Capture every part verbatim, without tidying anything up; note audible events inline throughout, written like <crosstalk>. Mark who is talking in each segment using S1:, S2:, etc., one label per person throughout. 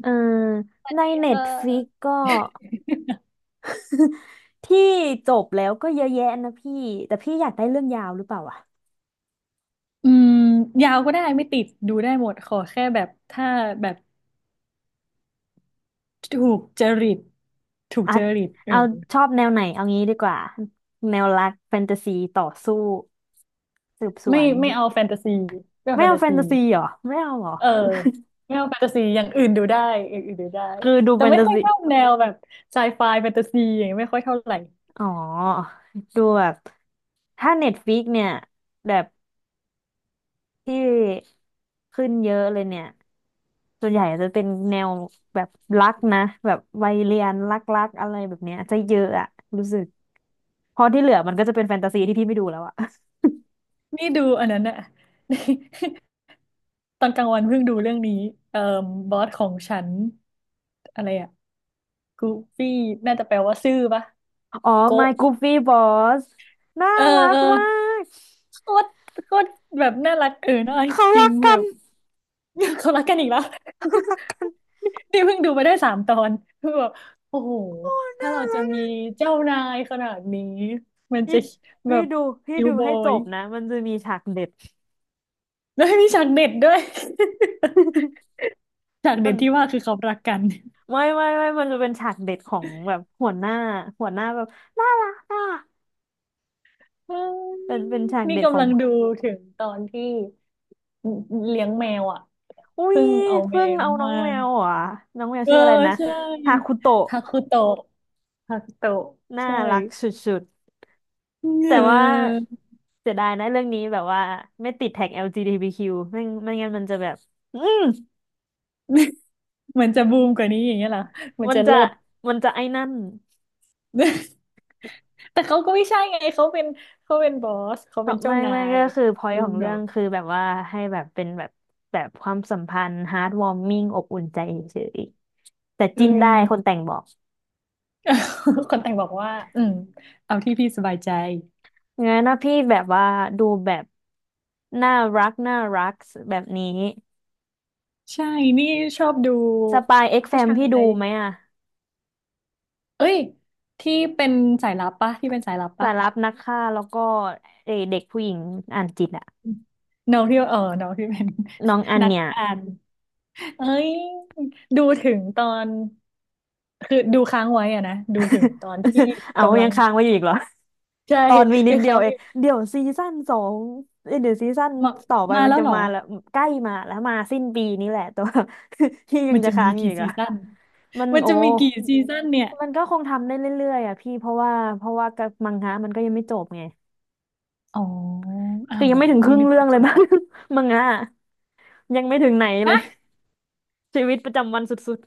S1: เออในเน็
S2: เ
S1: ตฟ i ิก
S2: ออ
S1: ก็ที่จบแล้วก็เยอะแยะนะพี่แต่พี่อยากได้เรื่องยาวหรือเปล่าอะ
S2: อืมยาวก็ได้ไม่ติดดูได้หมดขอแค่แบบถ้าแบบถูกจริตถูก
S1: อ่ะ
S2: จริตเออ
S1: เอาชอบแนวไหนเอางี้ดีกว่าแนวรักแฟนตาซีต่อสู้สืบสว
S2: ไม่
S1: น
S2: ไม่เอาแฟนตาซีไม่เอา
S1: ไม่
S2: แฟน
S1: เอา
S2: ตา
S1: แฟ
S2: ซี
S1: นตาซีเหรอไม่เอาเหรอ
S2: เออไม่เอาแฟนตาซีอย่างอื่นดูได้อย่างอื่นดูได้
S1: คือดู
S2: แต่
S1: แฟน
S2: ไม่
S1: ตา
S2: ค่อย
S1: ซี
S2: ชอบแนวแบบไซไฟแฟนตาซีอย่างเงี้ยไม่ค่อยเท่าไหร่
S1: อ๋อดูแบบถ้าเน็ตฟ i ิกเนี่ยแบบที่ขึ้นเยอะเลยเนี่ย ส่วนใหญ่จะเป็นแนวแบบรักนะแบบวัยเรียนรักๆอะไรแบบเนี้ยจะเยอะอะรู้สึกพอที่เหลือมันก็จะเป็นแฟนตาซีที่พี่ไม่ดูแล้วอะ
S2: นี่ดูอันนั้นอะ <laughs> ตอนกลางวันเพิ่งดูเรื่องนี้เอ่อบอสของฉันอะไรอะกูฟี่น่าจะแปลว่าซื่อปะ
S1: <laughs> อ๋อ
S2: โกะ
S1: My Goofy Boss น่า
S2: เออ
S1: รั
S2: เอ
S1: ก
S2: อ
S1: มาก
S2: โคตรโคตรแบบน่ารักเออน่ารัก
S1: เขา
S2: จริ
S1: รั
S2: ง
S1: ก
S2: แบ
S1: กัน
S2: บ <laughs> เขารักกันอีกแล้ว <laughs> นี่เพิ่งดูไปได้สามตอนคือแบบโอ้โห
S1: โอ้
S2: ถ้า
S1: น่า
S2: เราจะ
S1: รักเล
S2: มี
S1: ย
S2: เจ้านายขนาดนี้ มัน
S1: พี่
S2: จะแบ
S1: พี่
S2: บ
S1: ดูพี่
S2: คิว
S1: ดู
S2: บอ
S1: ให้จ
S2: ย
S1: บนะมันจะมีฉากเด็ด
S2: แล้วมีฉากเด็ดด้วย
S1: <laughs>
S2: <laughs> ฉาก
S1: มั
S2: เด็
S1: น
S2: ดที่ว่าคือเขารักกัน <laughs>
S1: ไม่ไม่ไม่มันจะเป็นฉากเด็ดของแบบหัวหน้าหัวหน้าแบบน่ารักอ่ะ
S2: เฮ้ย
S1: เป็นเป็นฉาก
S2: นี่
S1: เด็ดข
S2: กำ
S1: อง
S2: ลังดูถึงตอนที่เลี้ยงแมวอ่ะ
S1: อุ้ย
S2: เพิ่งเอาแม
S1: เพิ่ง
S2: ว
S1: เอาน้อ
S2: มา
S1: งแมวเหรอ่ะ น้องแมว
S2: เออ
S1: ชื่ออะไรนะ
S2: ใช่
S1: ฮาคุโตะ
S2: ฮาคุโตะฮาคุโตะ
S1: น่า
S2: ใช่
S1: รักสุดๆ
S2: <laughs>
S1: แต่
S2: เอ
S1: ว่า
S2: อ
S1: เสียดายนะเรื่องนี้แบบว่าไม่ติดแท็ก แอล จี บี ที คิว ไม่ไม่งั้นมันจะแบบอืม
S2: <laughs> มันจะบูมกว่านี้อย่างเงี้ยเหรอมัน
S1: มัน
S2: จะ
S1: จะ
S2: เลิศ
S1: มันจะไอ้นั่น
S2: <laughs> แต่เขาก็ไม่ใช่ไงเขาเป็นเขาเป็นบอสเขา
S1: เขา
S2: เป็นเจ้า
S1: ไม่
S2: นา
S1: ไม่
S2: ย
S1: ก็คือ
S2: เออ
S1: point ของเรื่
S2: เนาะ
S1: องคือแบบว่าให้แบบเป็นแบบแบบความสัมพันธ์ heartwarming อบอุ่นใจเฉยๆแต่
S2: อื
S1: จิ้นได้
S2: ม
S1: ค
S2: <laughs>
S1: นแต่งบอก
S2: คนแต่งบอกว่าอืมเอาที่พี่สบายใจ
S1: งั้นนะพี่แบบว่าดูแบบน่ารักน่ารักแบบนี้
S2: ใช่นี่ชอบดู
S1: สปายเอ็กแฟ
S2: ผู้
S1: ม
S2: ชา
S1: พี่ดู
S2: ย
S1: ไหมอะ
S2: เอ้ยที่เป็นสายลับปะที่เป็นสายลับ
S1: สา
S2: ปะ
S1: รับนักฆ่าแล้วก็เอเด็กผู้หญิงอ่านจิตอะ
S2: น้องที่เออน้องที่เป็น
S1: น้องอั
S2: <laughs>
S1: น
S2: นัก
S1: เนี่ย
S2: อ่าน เอ้ยดูถึงตอนคือดูค้างไว้อะนะดูถึงตอน
S1: <laughs>
S2: ที่
S1: เอา
S2: กำลั
S1: ยั
S2: ง
S1: งค้างไว้อยู่อีกเหรอ
S2: ใช่
S1: ตอนมีนิด
S2: ที่
S1: เดีย
S2: เขา
S1: วเองเดี๋ยวซีซั่นสองเอ้ยเดี๋ยวซีซั่น
S2: มา
S1: ต่อไป
S2: มา
S1: มัน
S2: แล้ว
S1: จะ
S2: เหรอ
S1: มาแล้วใกล้มาแล้วมาสิ้นปีนี้แหละแต่ว่า <laughs> พี่ยั
S2: มั
S1: ง
S2: น
S1: จะ
S2: จะ
S1: ค้า
S2: มี
S1: งอยู่
S2: กี่
S1: อีก
S2: ซี
S1: อะ
S2: ซั่น
S1: มัน
S2: มัน
S1: โอ้
S2: จะมีกี่ซีซั่นเนี่ย
S1: มันก็คงทำได้เรื่อยๆอ่ะพี่เพราะว่าเพราะว่ากับมังงะมันก็ยังไม่จบไง
S2: อ๋ออ้า
S1: คือ
S2: ว
S1: ยั
S2: เหร
S1: ง
S2: อ
S1: ไม่ถึงค
S2: นี่
S1: รึ่ง
S2: นึก
S1: เรื่อ
S2: ว่า
S1: งเล
S2: จ
S1: ย
S2: บ
S1: มั้
S2: แล้
S1: ง
S2: ว
S1: <laughs> มังงะอะยังไม่ถึงไหนเลย
S2: ฮะ
S1: ชีวิตประจำวันสุด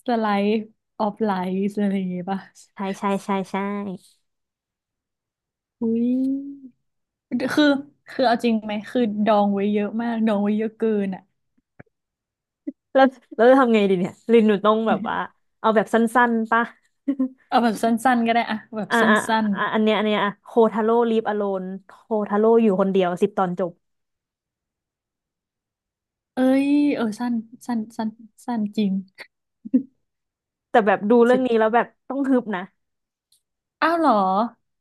S2: สไลด์ออฟไลฟ์อะไรอย่างงี้ป่ะ
S1: ใช่ใช่ใช่ใช่
S2: อุ้ยคือคือเอาจริงไหมคือดองไว้เยอะมากดองไว้เยอะเกินอ่ะ
S1: แล้วแล้วจะทำไงดีเนี่ยลินหนูต้องแบบว่า
S2: <laughs>
S1: เอาแบบสั้นๆปะ <laughs>
S2: เอาแบบสั้นๆก็ได้อะแบบ
S1: อ่า
S2: ส
S1: อ่า
S2: ั้น
S1: อ่าอันเนี้ยอันเนี้ยอ่ะโคทาโร่ลีฟอโลนโคทาโร่อยู่คนเดียวสิบตอนจบ
S2: เอ้ยเออสั้นสั้นสั้นสั้นจริง
S1: แต่แบบดู
S2: <laughs>
S1: เรื่
S2: สิ
S1: อง
S2: บ
S1: นี้แล้วแบบต้องฮึบนะ
S2: อ้าวเหรอ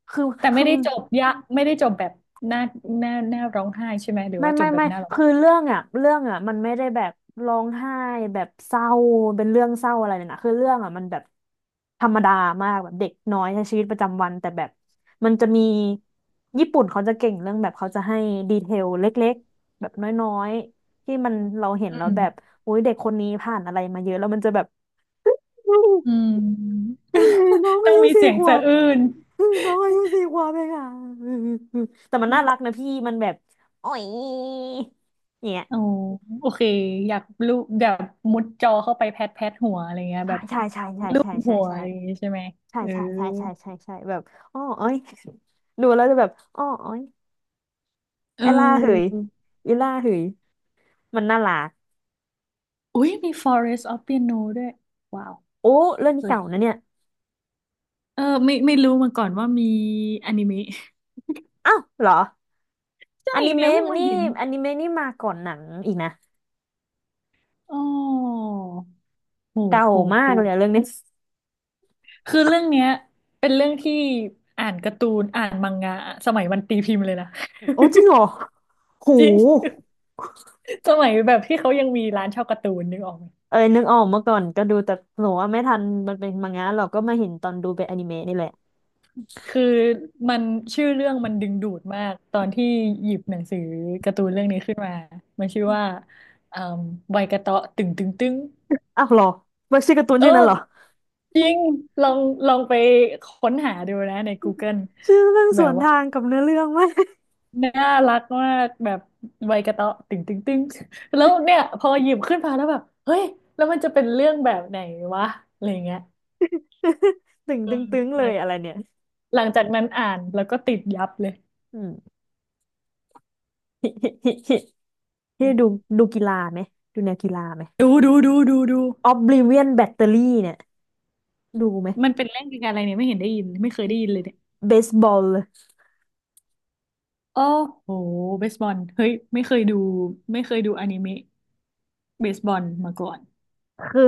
S1: คือ
S2: แต่ไม่
S1: คือ
S2: ได้จบยะไม่ได้จบแบบหน้าหน้าหน้าร้องไห้ใช่ไหมหรือ
S1: ไม่
S2: ว่าจ
S1: ไม่
S2: บแบบ
S1: ไม่
S2: หน้าร้อง
S1: คือเรื่องอ่ะเรื่องอ่ะมันไม่ได้แบบร้องไห้แบบเศร้าเป็นเรื่องเศร้าอะไรเลยนะคือเรื่องอ่ะมันแบบธรรมดามากแบบเด็กน้อยใช้ชีวิตประจำวันแต่แบบมันจะมีญี่ปุ่นเขาจะเก่งเรื่องแบบเขาจะให้ดีเทลเล็กๆแบบน้อยๆที่มันเราเห็น
S2: อื
S1: แล้ว
S2: ม
S1: แบบอุ้ยเด็กคนนี้ผ่านอะไรมาเยอะแล้วมันจะแบบอืม
S2: อืม
S1: อืมน้อง
S2: <laughs> ต้อ
S1: อา
S2: ง
S1: ยุ
S2: มี
S1: สี่
S2: เสียง
S1: ขว
S2: สะ
S1: บ
S2: อื้น
S1: อืมน้องอายุสี่ขวบเองอ่ะอืมอืมอืมแต่มันน่ารักนะพี่มันแบบโอ้ยเนี่ย
S2: โอ้โอเคอยากลูบแบบมุดจอเข้าไปแพทแพทหัวอะไรเงี้ย
S1: ใช่
S2: แบบ
S1: ใช่ใช่ใช่
S2: ลูบ
S1: ใช่ใช่
S2: หัว
S1: ใช่
S2: อะไรอย่างงี้ใช่ไหม
S1: ใช่
S2: เออ
S1: ใช่ใช่ใช่ใช่ใช่แบบอ้ออ้อยดูแล้วจะแบบอ้ออ้อย
S2: เ
S1: ไอล่าเหย
S2: ออ
S1: อีล่าเหยมันน่ารัก
S2: อุ้ยมี Forest of Piano ด้วยว้าว
S1: โอ้เรื่องนี้
S2: เฮ้ย
S1: เก่านะเนี่ย
S2: เออไม่ไม่รู้มาก่อนว่ามีอนิเมะ
S1: อ้าวเหรอ
S2: ใช่
S1: อนิ
S2: เนี่ยเพิ่
S1: เมะ
S2: งมา
S1: นี่
S2: เห็น
S1: อนิเมะนี่มาก่อนหนังอีกนะ
S2: อ๋อโห
S1: เก่า
S2: โห
S1: มา
S2: โห
S1: กเลยอะเรื่องนี้
S2: คือเรื่องเนี้ยเป็นเรื่องที่อ่านการ์ตูนอ่านมังงะสมัยมันตีพิมพ์เลยนะ
S1: โอ้จริงเหรอ
S2: <laughs>
S1: หู
S2: จริงสมัยแบบที่เขายังมีร้านเช่าการ์ตูนนึกออกไหม
S1: เอ้ยนึกออกเมื่อก่อนก็ดูแต่หนูว่าไม่ทันมันเป็นมังงะหรอกก็มาเห็นตอนดูเป็นอนิเมะนี่แหละ
S2: คือมันชื่อเรื่องมันดึงดูดมากตอนที่หยิบหนังสือการ์ตูนเรื่องนี้ขึ้นมามันชื่อว่าเอ่อใบกระเตาะตึงตึงตึง
S1: อ้าวเหรอมันชื่อการ์ตูน
S2: เอ
S1: ชื่อนั้น
S2: อ
S1: เหรอ
S2: จริงลองลองไปค้นหาดูนะใน Google
S1: <laughs> ชื่อเรื่อง
S2: แบ
S1: ส
S2: บ
S1: วน
S2: ว่า
S1: ทางกับเนื้อเรื่องไหม
S2: น่ารักมากแบบใบกระเตาะตึงตึงตึง <laughs> แล้วเนี่ยพอหยิบขึ้นมาแล้วแบบเฮ้ยแล้วมันจะเป็นเรื่องแบบไหนวะอะไรเงี้ย
S1: <laughs> ตึง
S2: เออ
S1: ตึงตึงเล
S2: หลั
S1: ย
S2: ง
S1: อะไรเนี่ย
S2: หลังจากนั้นอ่านแล้วก็ติดยับเลย
S1: อืม <laughs> นี่ดูดูกีฬาไหม ดูแนวกีฬาไหม
S2: ดูดูดูดูดู
S1: Oblivion Battery เนี่ยดูไหม
S2: มันเป็นเรื่องเกี่ยวกับอะไรเนี่ยไม่เห็นได้ยินไม่เคยได้ยินเลยเนี่ย
S1: เบสบอล
S2: โอ้โหเบสบอลเฮ้ยไม่เคยดูไม่เคยดูอนิเมะเบสบอลมาก่อน
S1: คือ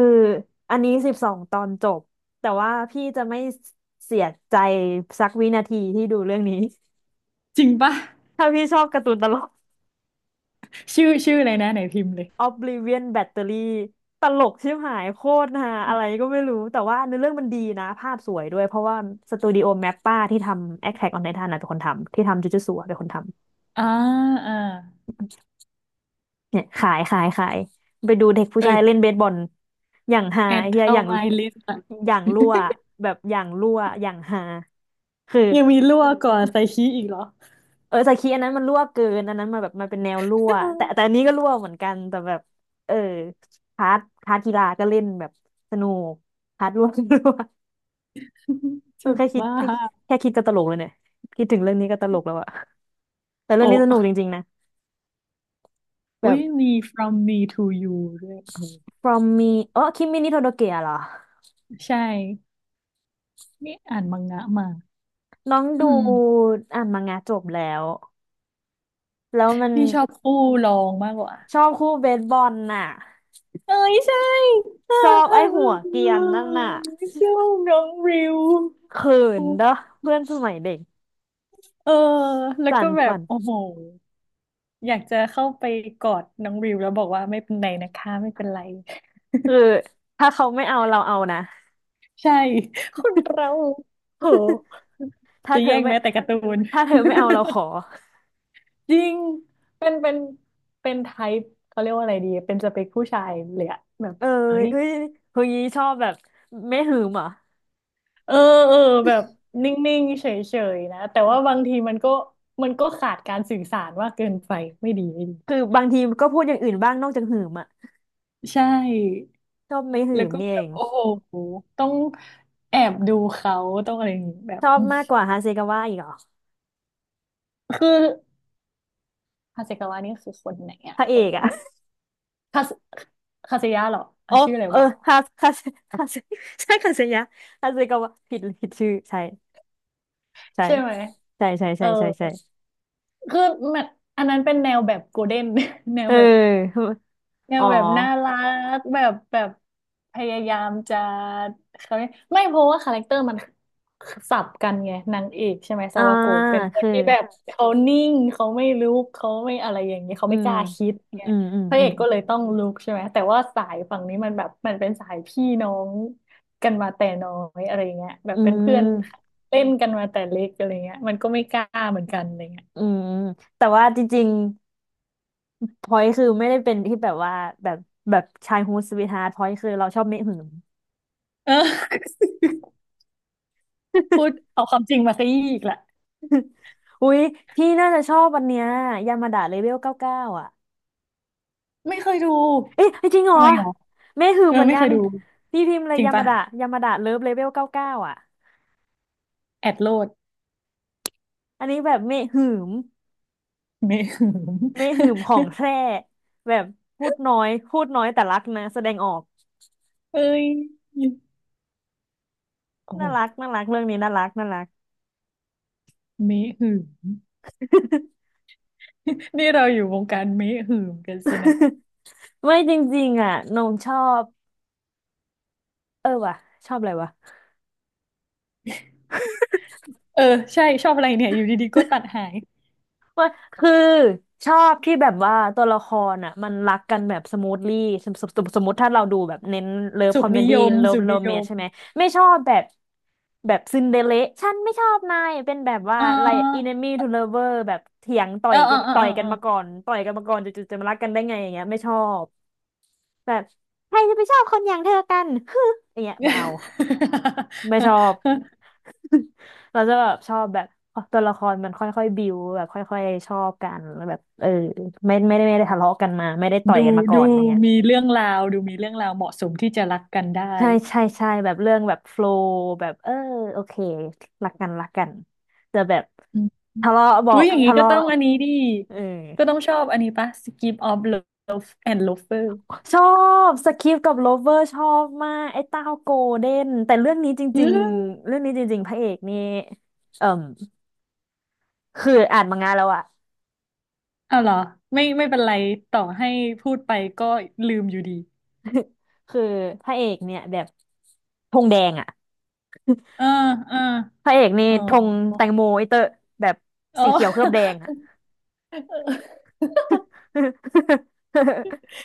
S1: อันนี้สิบสองตอนจบ แต่ว่าพี่จะไม่เสียใจสักวินาทีที่ดูเรื่องนี้
S2: จริงปะ
S1: <laughs> ถ้าพี่ชอบการ์ตูนตลก
S2: ชื่อชื่ออะไรนะไหนพิมพ์เลย
S1: Oblivion Battery ตลกชิบหายโคตรฮาอะไรก็ไม่รู้แต่ว่าเนื้อเรื่องมันดีนะภาพสวยด้วยเพราะว่าสตูดิโอแมปป้าที่ทำ Attack on Titan นะเป็นคนทำที่ทำจูจูสัวเป็นคนทำ
S2: อ่าอ่า
S1: เนี่ยขายขายขายไปดูเด็กผู้
S2: เอ้
S1: ชา
S2: ย
S1: ยเล่นเบสบอลอย่างฮา
S2: แอ
S1: ไอ้
S2: ด
S1: เฮียอ
S2: เข้า
S1: ย่าง
S2: my list อะ
S1: อย่างรั่วแบบอย่างรั่วอย่างฮาคือ
S2: ยังมีรั่วก่อนไซคิอีกเหรอ
S1: เออสกีอันนั้นมันรั่วเกินอันนั้นมันแบบมันเป็นแนวรั่วแต่แต่อันนี้ก็รั่วเหมือนกันแต่แบบเออพาร์ทพาร์ทกีฬาก็เล่นแบบสนุกพาร์ท <laughs> รั่วก็รั่ว
S2: <laughs>
S1: เออ
S2: จะ
S1: แค่คิด
S2: บ้า
S1: แค่แค่คิดก็ตลกเลยเนี่ยคิดถึงเรื่องนี้ก็ตลกแล้วอะแต่
S2: โอ
S1: เรื่องนี้สนุกจ
S2: ้
S1: ริงๆนะ
S2: อุ้
S1: แบบ
S2: ยมี from me to you ด้วยโอ้โห
S1: From Me อ๋อคิมมินิโทโดเกะเหรอ
S2: ใช่ นี่อ่านมังงะมา
S1: น้อง
S2: <clears throat> อื
S1: ดู
S2: ม
S1: อ่านมังงะจบแล้วแล้วมัน
S2: นี่ชอบคู่รองมากกว่า
S1: ชอบคู่เบสบอลน่ะ
S2: เอ้ยใช่ <laughs> อ่
S1: ชอบไอ้หั
S2: า
S1: วเกรียนนั่นน่ะ
S2: ชอบน้องริว
S1: เขินเด้อเพื่อนสมัยเด็ก
S2: เออแล้ว
S1: สั่
S2: ก็
S1: น
S2: แบ
S1: ฝั
S2: บ
S1: น
S2: โอ้โหอยากจะเข้าไปกอดน้องริวแล้วบอกว่าไม่เป็นไรนะคะ ไม่เป็นไร
S1: คือถ้าเขาไม่เอาเราเอานะ
S2: ใช่คนเราโห
S1: ถ้า
S2: จะ
S1: เธอ
S2: แย่ง
S1: ไม่
S2: แม้แต่การ์ตูน
S1: ถ้าเธอไม่เอาเราขอ
S2: <laughs> จริงเป็นเป็นเป็นไทป์เขาเรียกว่าอะไรดีเป็นสเปคผู้ชายเลยอะแบบ
S1: เออ
S2: เฮ้ย
S1: เฮ้ยเฮ้ยชอบแบบไม่หืมเหรอ่ะ
S2: เออเออแบบนิ่งๆเฉยๆนะแต่ว่าบางทีมันก็มันก็ขาดการสื่อสารว่ากเกินไปไม่ดีไม่ดี
S1: คือบางทีก็พูดอย่างอื่นบ้างนอกจากหืมอ่ะ
S2: ใช่
S1: ชอบไม่หื
S2: แล้ว
S1: ม
S2: ก็
S1: นี่
S2: แบ
S1: เอ
S2: บ
S1: ง
S2: โอ้โหต้องแอบดูเขาต้องอะไรอย่างงี้แบ
S1: ช
S2: บ
S1: อบมากกว่าฮาเซกาวะอีกเหรอ
S2: คือฮาเซกาวะนี่คือคนไหนอะ
S1: พระเอ
S2: คน
S1: กอ่ะ
S2: คาสคาิยะเหรอ
S1: <laughs> อ๋
S2: เอา
S1: อ
S2: ชื่ออะไร
S1: เออ
S2: วะ
S1: ฮาฮาเฮาเซใช่คาเซยะฮาเซกาวะผิดผิดชื่อใช่ใช่
S2: ใช่ไหม
S1: ใช่ใช่
S2: เอ
S1: ใช่
S2: อ
S1: ใช่ใช่
S2: คือมันอันนั้นเป็นแนวแบบโกลเด้น <laughs> แน
S1: เอ
S2: ว
S1: อ
S2: แบบ เนี่
S1: <laughs>
S2: ย
S1: อ๋อ
S2: แบบน่ารักแบบแบบพยายามจะเขาเรียกไม่เพราะว่าคาแรคเตอร์มันสับกันไงนางเอกใช่ไหมซา
S1: อ่า
S2: วาโกะเป็นคน
S1: คือ
S2: ที่แบบเขานิ่งเขาไม่ลุกเขาไม่อะไรอย่างเงี้ยเขา
S1: อื
S2: ไม่ก
S1: ม
S2: ล้าคิดไง
S1: อืมอืม
S2: พระ
S1: อื
S2: เอ
S1: ม
S2: กก็เลยต้องลุกใช่ไหมแต่ว่าสายฝั่งนี้มันแบบมันเป็นสายพี่น้องกันมาแต่น้อยอะไรเงี้ยแบ
S1: อื
S2: บเป็นเพื่อน
S1: ม
S2: เล่นกันมาแต่เล็กอะไรเงี้ยมันก็ไม่กล้าเหมือนกันอะไรเงี้ย
S1: อืมแต่ว่าจริงๆพอยคือไม่ได้เป็นที่แบบว่าแบบแบบชายฮูสวีทฮาร์ทพอยคือเราชอบเมะหืม
S2: <laughs> เออพูดเอาความจริงมาซะอีกละ
S1: อุ๊ยพี่น่าจะชอบวันเนี้ยยามาดะเลเวลเก้าเก้าอ่ะ
S2: ไม่เคยดู
S1: เอ๊ะจริงเหรอ
S2: ทำไมหรอ
S1: เมหืม
S2: เออ
S1: เหมือน
S2: ไม่
S1: กั
S2: เค
S1: น
S2: ยดู
S1: พี่พิมพ์เลย
S2: จริง
S1: ยามา
S2: ปะ
S1: ดะยามาดะเลิฟเลเวลเก้าเก้าอ่ะ
S2: แอดโลด
S1: อันนี้แบบเมหืม
S2: เมหึง
S1: เมหืมของแท้แบบพูดน้อยพูดน้อยแต่รักนะแสดงออก
S2: <laughs> เอ้ย โอ้โห
S1: น่ารักน่ารักเรื่องนี้น่ารักน่ารัก
S2: เมหึง <laughs> นี่เราอยู่วงการเมหึงกันสินะ
S1: <laughs> ไม่จริงๆอ่ะนงชอบเออว่ะชอบอะไรวะ
S2: เออใช่ชอบอะไรเนี่ยอยู่ดีๆก็ตัดหาย
S1: ว่าคือชอบที่แบบว่าตัวละครอ่ะมันรักกันแบบสมูทลี่สมสมสมสมมติถ้าเราดูแบบเน้นเลิฟ
S2: สุ
S1: คอ
S2: ข
S1: มเม
S2: นิ
S1: ดี้
S2: ยม
S1: เลิฟ
S2: สุข
S1: โร
S2: นิ
S1: แม
S2: ย
S1: น
S2: ม
S1: ใช่ไหมไม่ชอบแบบแบบซินเดอเรลล่าฉันไม่ชอบนายเป็นแบบว่า
S2: เ
S1: ไลอินเน
S2: ออ
S1: มี่ทูเลเวอร์แบบเถียงต่อ
S2: เอ
S1: ย
S2: อเอ
S1: กั
S2: อ
S1: น
S2: เออ
S1: ต่อ
S2: เอ
S1: ย
S2: อ
S1: กั
S2: เอ
S1: น
S2: อ
S1: มาก่อนต่อยกันมาก่อนจู่ๆจะมารักกันได้ไงอย่างเงี้ยไม่ชอบแบบใครจะไปชอบคนอย่างเธอกันฮึอย่างเงี้ยไม่เอาไม่ชอ
S2: <laughs>
S1: บ <laughs> เราจะแบบชอบแบบตัวละครมันค่อยๆบิวแบบค่อยๆชอบกันแล้วแบบเออไม่ไม่ได้ไม่ได้ทะเลาะกันมาไม่ได้ต่อย
S2: ดู
S1: กันมาก่อน
S2: ดู
S1: เนี่ย
S2: มีเรื่องราวดูมีเรื่องราวเหมาะสมที่จะรักกันได้
S1: ใช่ใช่ใช่แบบเรื่องแบบโฟล w แบบเออโอเครักกันรักกันแต่แบบ
S2: อืม
S1: ทะเลาะบอ
S2: อุ้ย
S1: ก
S2: อย่างนี้
S1: ทะ
S2: ก็
S1: เลาะ
S2: ต้องอันนี้ดิ
S1: เออ
S2: ก็ต้องชอบอันนี้ปะ Skip of Love and Lover
S1: ชอบสคริปกับโลเวอร์ชอบมากไอ้เต้าโกลเด้นแต่เรื่องนี้จ
S2: อื
S1: ริง
S2: ม
S1: ๆเรื่องนี้จริงๆพระเอกนี่เอ่มคืออ่านมังงะแล้วอะ
S2: เอาเหรอไม่ไม่เป็นไรต่อให้พูดไปก็ลืมอยู่ดี
S1: <laughs> คือพระเอกเนี่ยแบบ ธงแดงอ่ะ
S2: เออเออ
S1: พระเอกนี่
S2: เออ
S1: ธงแตงโมไอเตอร์แบบ
S2: อ๋อ
S1: สีเขียวเคลือบแดง
S2: <laughs>
S1: อ่ะ <laughs>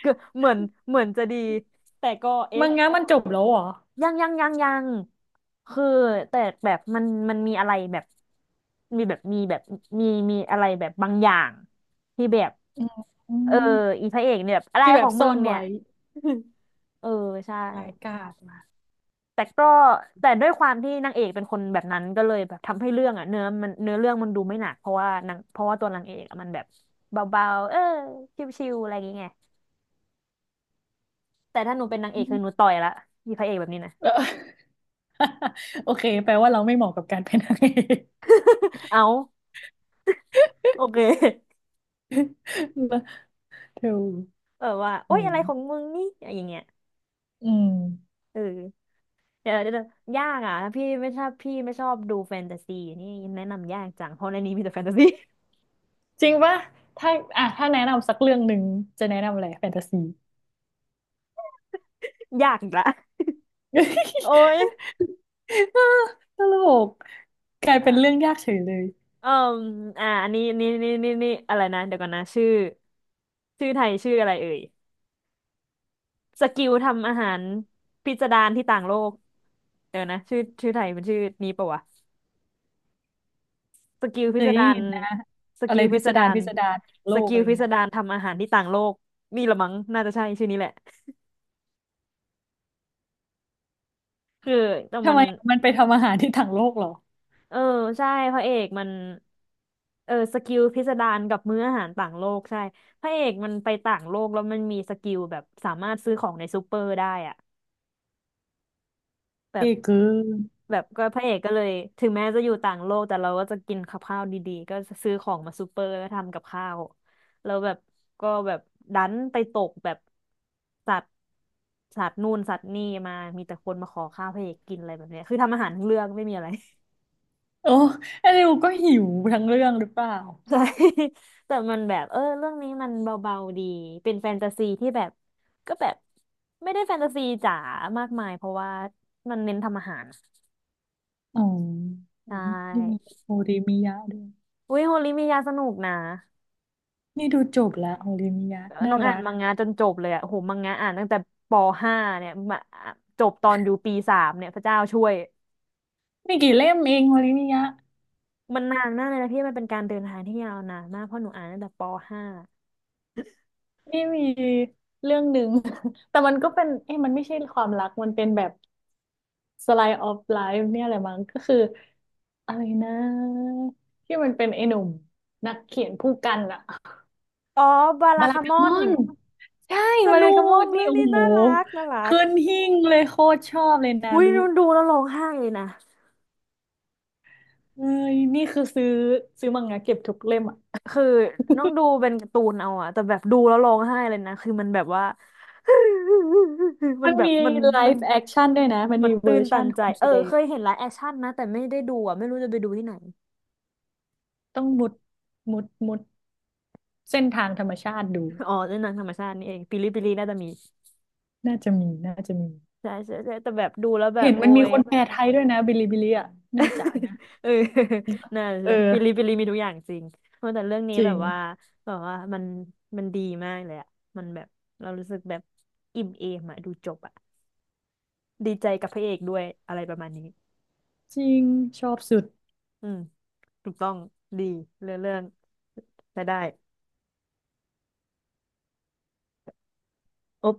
S1: คือเหมือนเหมือนจะดีแต่ก็เอ๊ะ
S2: มังงะมันจบแล้วเหรอ
S1: ยังยังยังยังคือแต่แบบมันมันมีอะไรแบบมีแบบมีแบบมีมีอะไรแบบบางอย่างที่แบบ
S2: อืมอื
S1: เออ
S2: ม
S1: อีพระเอกเนี่ยแบบอะไร
S2: ที่แบ
S1: ขอ
S2: บ
S1: งมึ
S2: ซ่อ
S1: ง
S2: น
S1: เนี่ย
S2: ไว้
S1: <laughs> เออใช่
S2: รายกาดมา
S1: แต่ก็แต่ด้วยความที่นางเอกเป็นคนแบบนั้นก็เลยแบบทำให้เรื่องอ่ะเนื้อมันเนื้อเรื่องมันดูไม่หนักเพราะว่านางเพราะว่าตัวนางเอกอะมันแบบเบาๆเออชิวๆอะไรอย่างเงี้ยแต่ถ้าหนูเป็นนางเอ
S2: อื
S1: กคือหนู
S2: ม
S1: ต่อยละมีพระเอกแบบนี้นะ
S2: เออ <laughs> โอเคแปลว่าเราไม่เหมาะกับการเป็นนางเอก
S1: <laughs> เอาโอเค
S2: <laughs> นะเ
S1: เออว่าโอ๊
S2: โอ้
S1: ย
S2: ย
S1: อะไรของมึงนี่อย่างเงี้ย
S2: อืม
S1: เออเดี๋ยวเดี๋ยวยากอ่ะถ้าพี่ไม่ชอบพี่ไม่ชอบดูแฟนตาซีนี่แนะนำยากจังเพราะในนี้มีแต่แฟนตาซี
S2: จริงปะถ้าอ่ะถ้าแนะนำสักเรื่องหนึ่งจะแนะนำอะไรแฟนตาซี
S1: <laughs> ยากอีกละโอ๊ย
S2: <laughs> ตลกกลายเป็นเรื่องยากเฉยเลย
S1: เอ่ออ่าอันนี้นี่นี่นี่นี่อะไรนะเดี๋ยวก่อนนะชื่อชื่อไทยชื่ออะไรเอ่ยสกิลทำอาหารพิสดารที่ต่างโลกเดี๋ยวนะชื่อชื่อไทยเป็นชื่อนี้ปะวะสกิล
S2: เค
S1: พิส
S2: ยได้
S1: ดาร
S2: ยินนะ
S1: ส
S2: อะ
S1: กิ
S2: ไร
S1: ลพิ
S2: พิ
S1: ส
S2: สดา
S1: ดา
S2: ร
S1: ร
S2: พิสดารทางโล
S1: ส
S2: ก
S1: กิ
S2: อะ
S1: ล
S2: ไร
S1: พิส
S2: เงี้ย
S1: ดารทำอาหารที่ต่างโลกนี่ละมั้งน่าจะใช่ชื่อนี้แหละคือแต่
S2: ทำ
S1: มัน
S2: ไมมันไปทำอาหารที่ทางโลกเหรอ
S1: เออใช่พระเอกมันเออสกิลพิสดารกับมื้ออาหารต่างโลกใช่พระเอกมันไปต่างโลกแล้วมันมีสกิลแบบสามารถซื้อของในซูเปอร์ได้อะ แบ
S2: เอ่
S1: บ
S2: เกิน
S1: แบบก็พระเอกก็เลยถึงแม้จะอยู่ต่างโลกแต่เราก็จะกินกับข้าวดีๆก็ซื้อของมาซูเปอร์แล้วทำกับข้าวแล้วแบบก็แบบดันไปตกแบบสัตว์สัตว์นู่นสัตว์นี่มามีแต่คนมาขอข้าวพระเอกกินอะไรแบบเนี้ยคือทำอาหารทั้งเรื่องไม่มีอะไร
S2: โอ้ไอ้นิวก็หิวทั้งเรื่องหรือเปล่า
S1: <laughs> ใช่แต่มันแบบเออเรื่องนี้มันเบาๆดีเป็นแฟนตาซีที่แบบก็แบบไม่ได้แฟนตาซีจ๋ามากมายเพราะว่ามันเน้นทำอาหาร
S2: อ๋อ
S1: ใช
S2: นี่มั
S1: ่
S2: โฮริมิยะด้วย
S1: อุ้ยโฮลิมียาสนุกนะ
S2: นี่ดูจบละโฮริมิยะ
S1: น้
S2: น่า
S1: องอ่าน
S2: รัก
S1: มังงะจนจบเลยอะโหมังงะอ่านตั้งแต่ปห้าเนี่ยมาจบตอนอยู่ปีสามเนี่ยพระเจ้าช่วย
S2: ไม่กี่เล่มเองโฮริมิยะ
S1: มันนานมากเลยนะพี่มันเป็นการเดินทางที่ยาวนานมากเพราะหนูอ่านตั้งแต่ปห้า
S2: นี่มีเรื่องหนึ่ง <laughs> แต่มันก็เป็นเอ้ยมันไม่ใช่ความรักมันเป็นแบบ slice of life เนี่ยแหละมั้งก็คืออะไรนะที่มันเป็นไอ้หนุ่มนักเขียนผู้กันอะ
S1: อ๋อบาลา
S2: บารา
S1: คาม
S2: กา
S1: อ
S2: ม
S1: น
S2: อนใช่
S1: ส
S2: บารา
S1: นุ
S2: กาม
S1: ก
S2: อนนี่
S1: เรื่อง
S2: โอ้
S1: นี้
S2: โห
S1: น่ารักน่ารัก
S2: ขึ้นหิ้งเลยโคตรชอบเลยนา
S1: อุ้ย
S2: รุ
S1: หนูดูแล้วร้องไห้เลยนะ
S2: เอ้ยนี่คือซื้อซื้อมังงะเก็บทุกเล่มอะ
S1: คือต้
S2: <laughs>
S1: องดูเป็นการ์ตูนเอาอะแต่แบบดูแล้วร้องไห้เลยนะคือมันแบบว่า <laughs> มั
S2: มั
S1: น
S2: น
S1: แบบ
S2: มี
S1: มัน
S2: ไล
S1: มัน
S2: ฟ์แอคชั่นด้วยนะมัน
S1: มัน
S2: มีเว
S1: ตื้
S2: อ
S1: น
S2: ร์
S1: ตั
S2: ชั่น
S1: นใจ
S2: คน
S1: เอ
S2: แสด
S1: อ
S2: ง
S1: เคยเห็นไลฟ์แอคชั่นนะแต่ไม่ได้ดูอะไม่รู้จะไปดูที่ไหน
S2: ต้องมุดมุดมุดเส้นทางธรรมชาติดู
S1: อ๋อเล่นหนังธรรมชาตินี่เองปิลิปิลิน่าจะมี
S2: น่าจะมี น่าจะมี
S1: ใช่ใช่ใช่แต่แบบดูแล้วแบ
S2: เห็
S1: บ
S2: น
S1: โอ้
S2: มันมี
S1: ย
S2: คนแปลไทยด้วยนะบิลิบิลิอ่ะ น่าจะนะ
S1: <laughs> เออน่า
S2: เอ
S1: จะ
S2: อ
S1: ปิลิปิลิมีทุกอย่างจริงเพราะแต่เรื่องนี้
S2: จริ
S1: แบบ
S2: ง
S1: ว่าแบบว่ามันมันดีมากเลยอะมันแบบเรารู้สึกแบบอิ่มเอมอะดูจบอะดีใจกับพระเอกด้วยอะไรประมาณนี้
S2: จริง ชอบสุด
S1: อืมถูกต้องดีเรื่องเรื่องจะได้โอ๊บ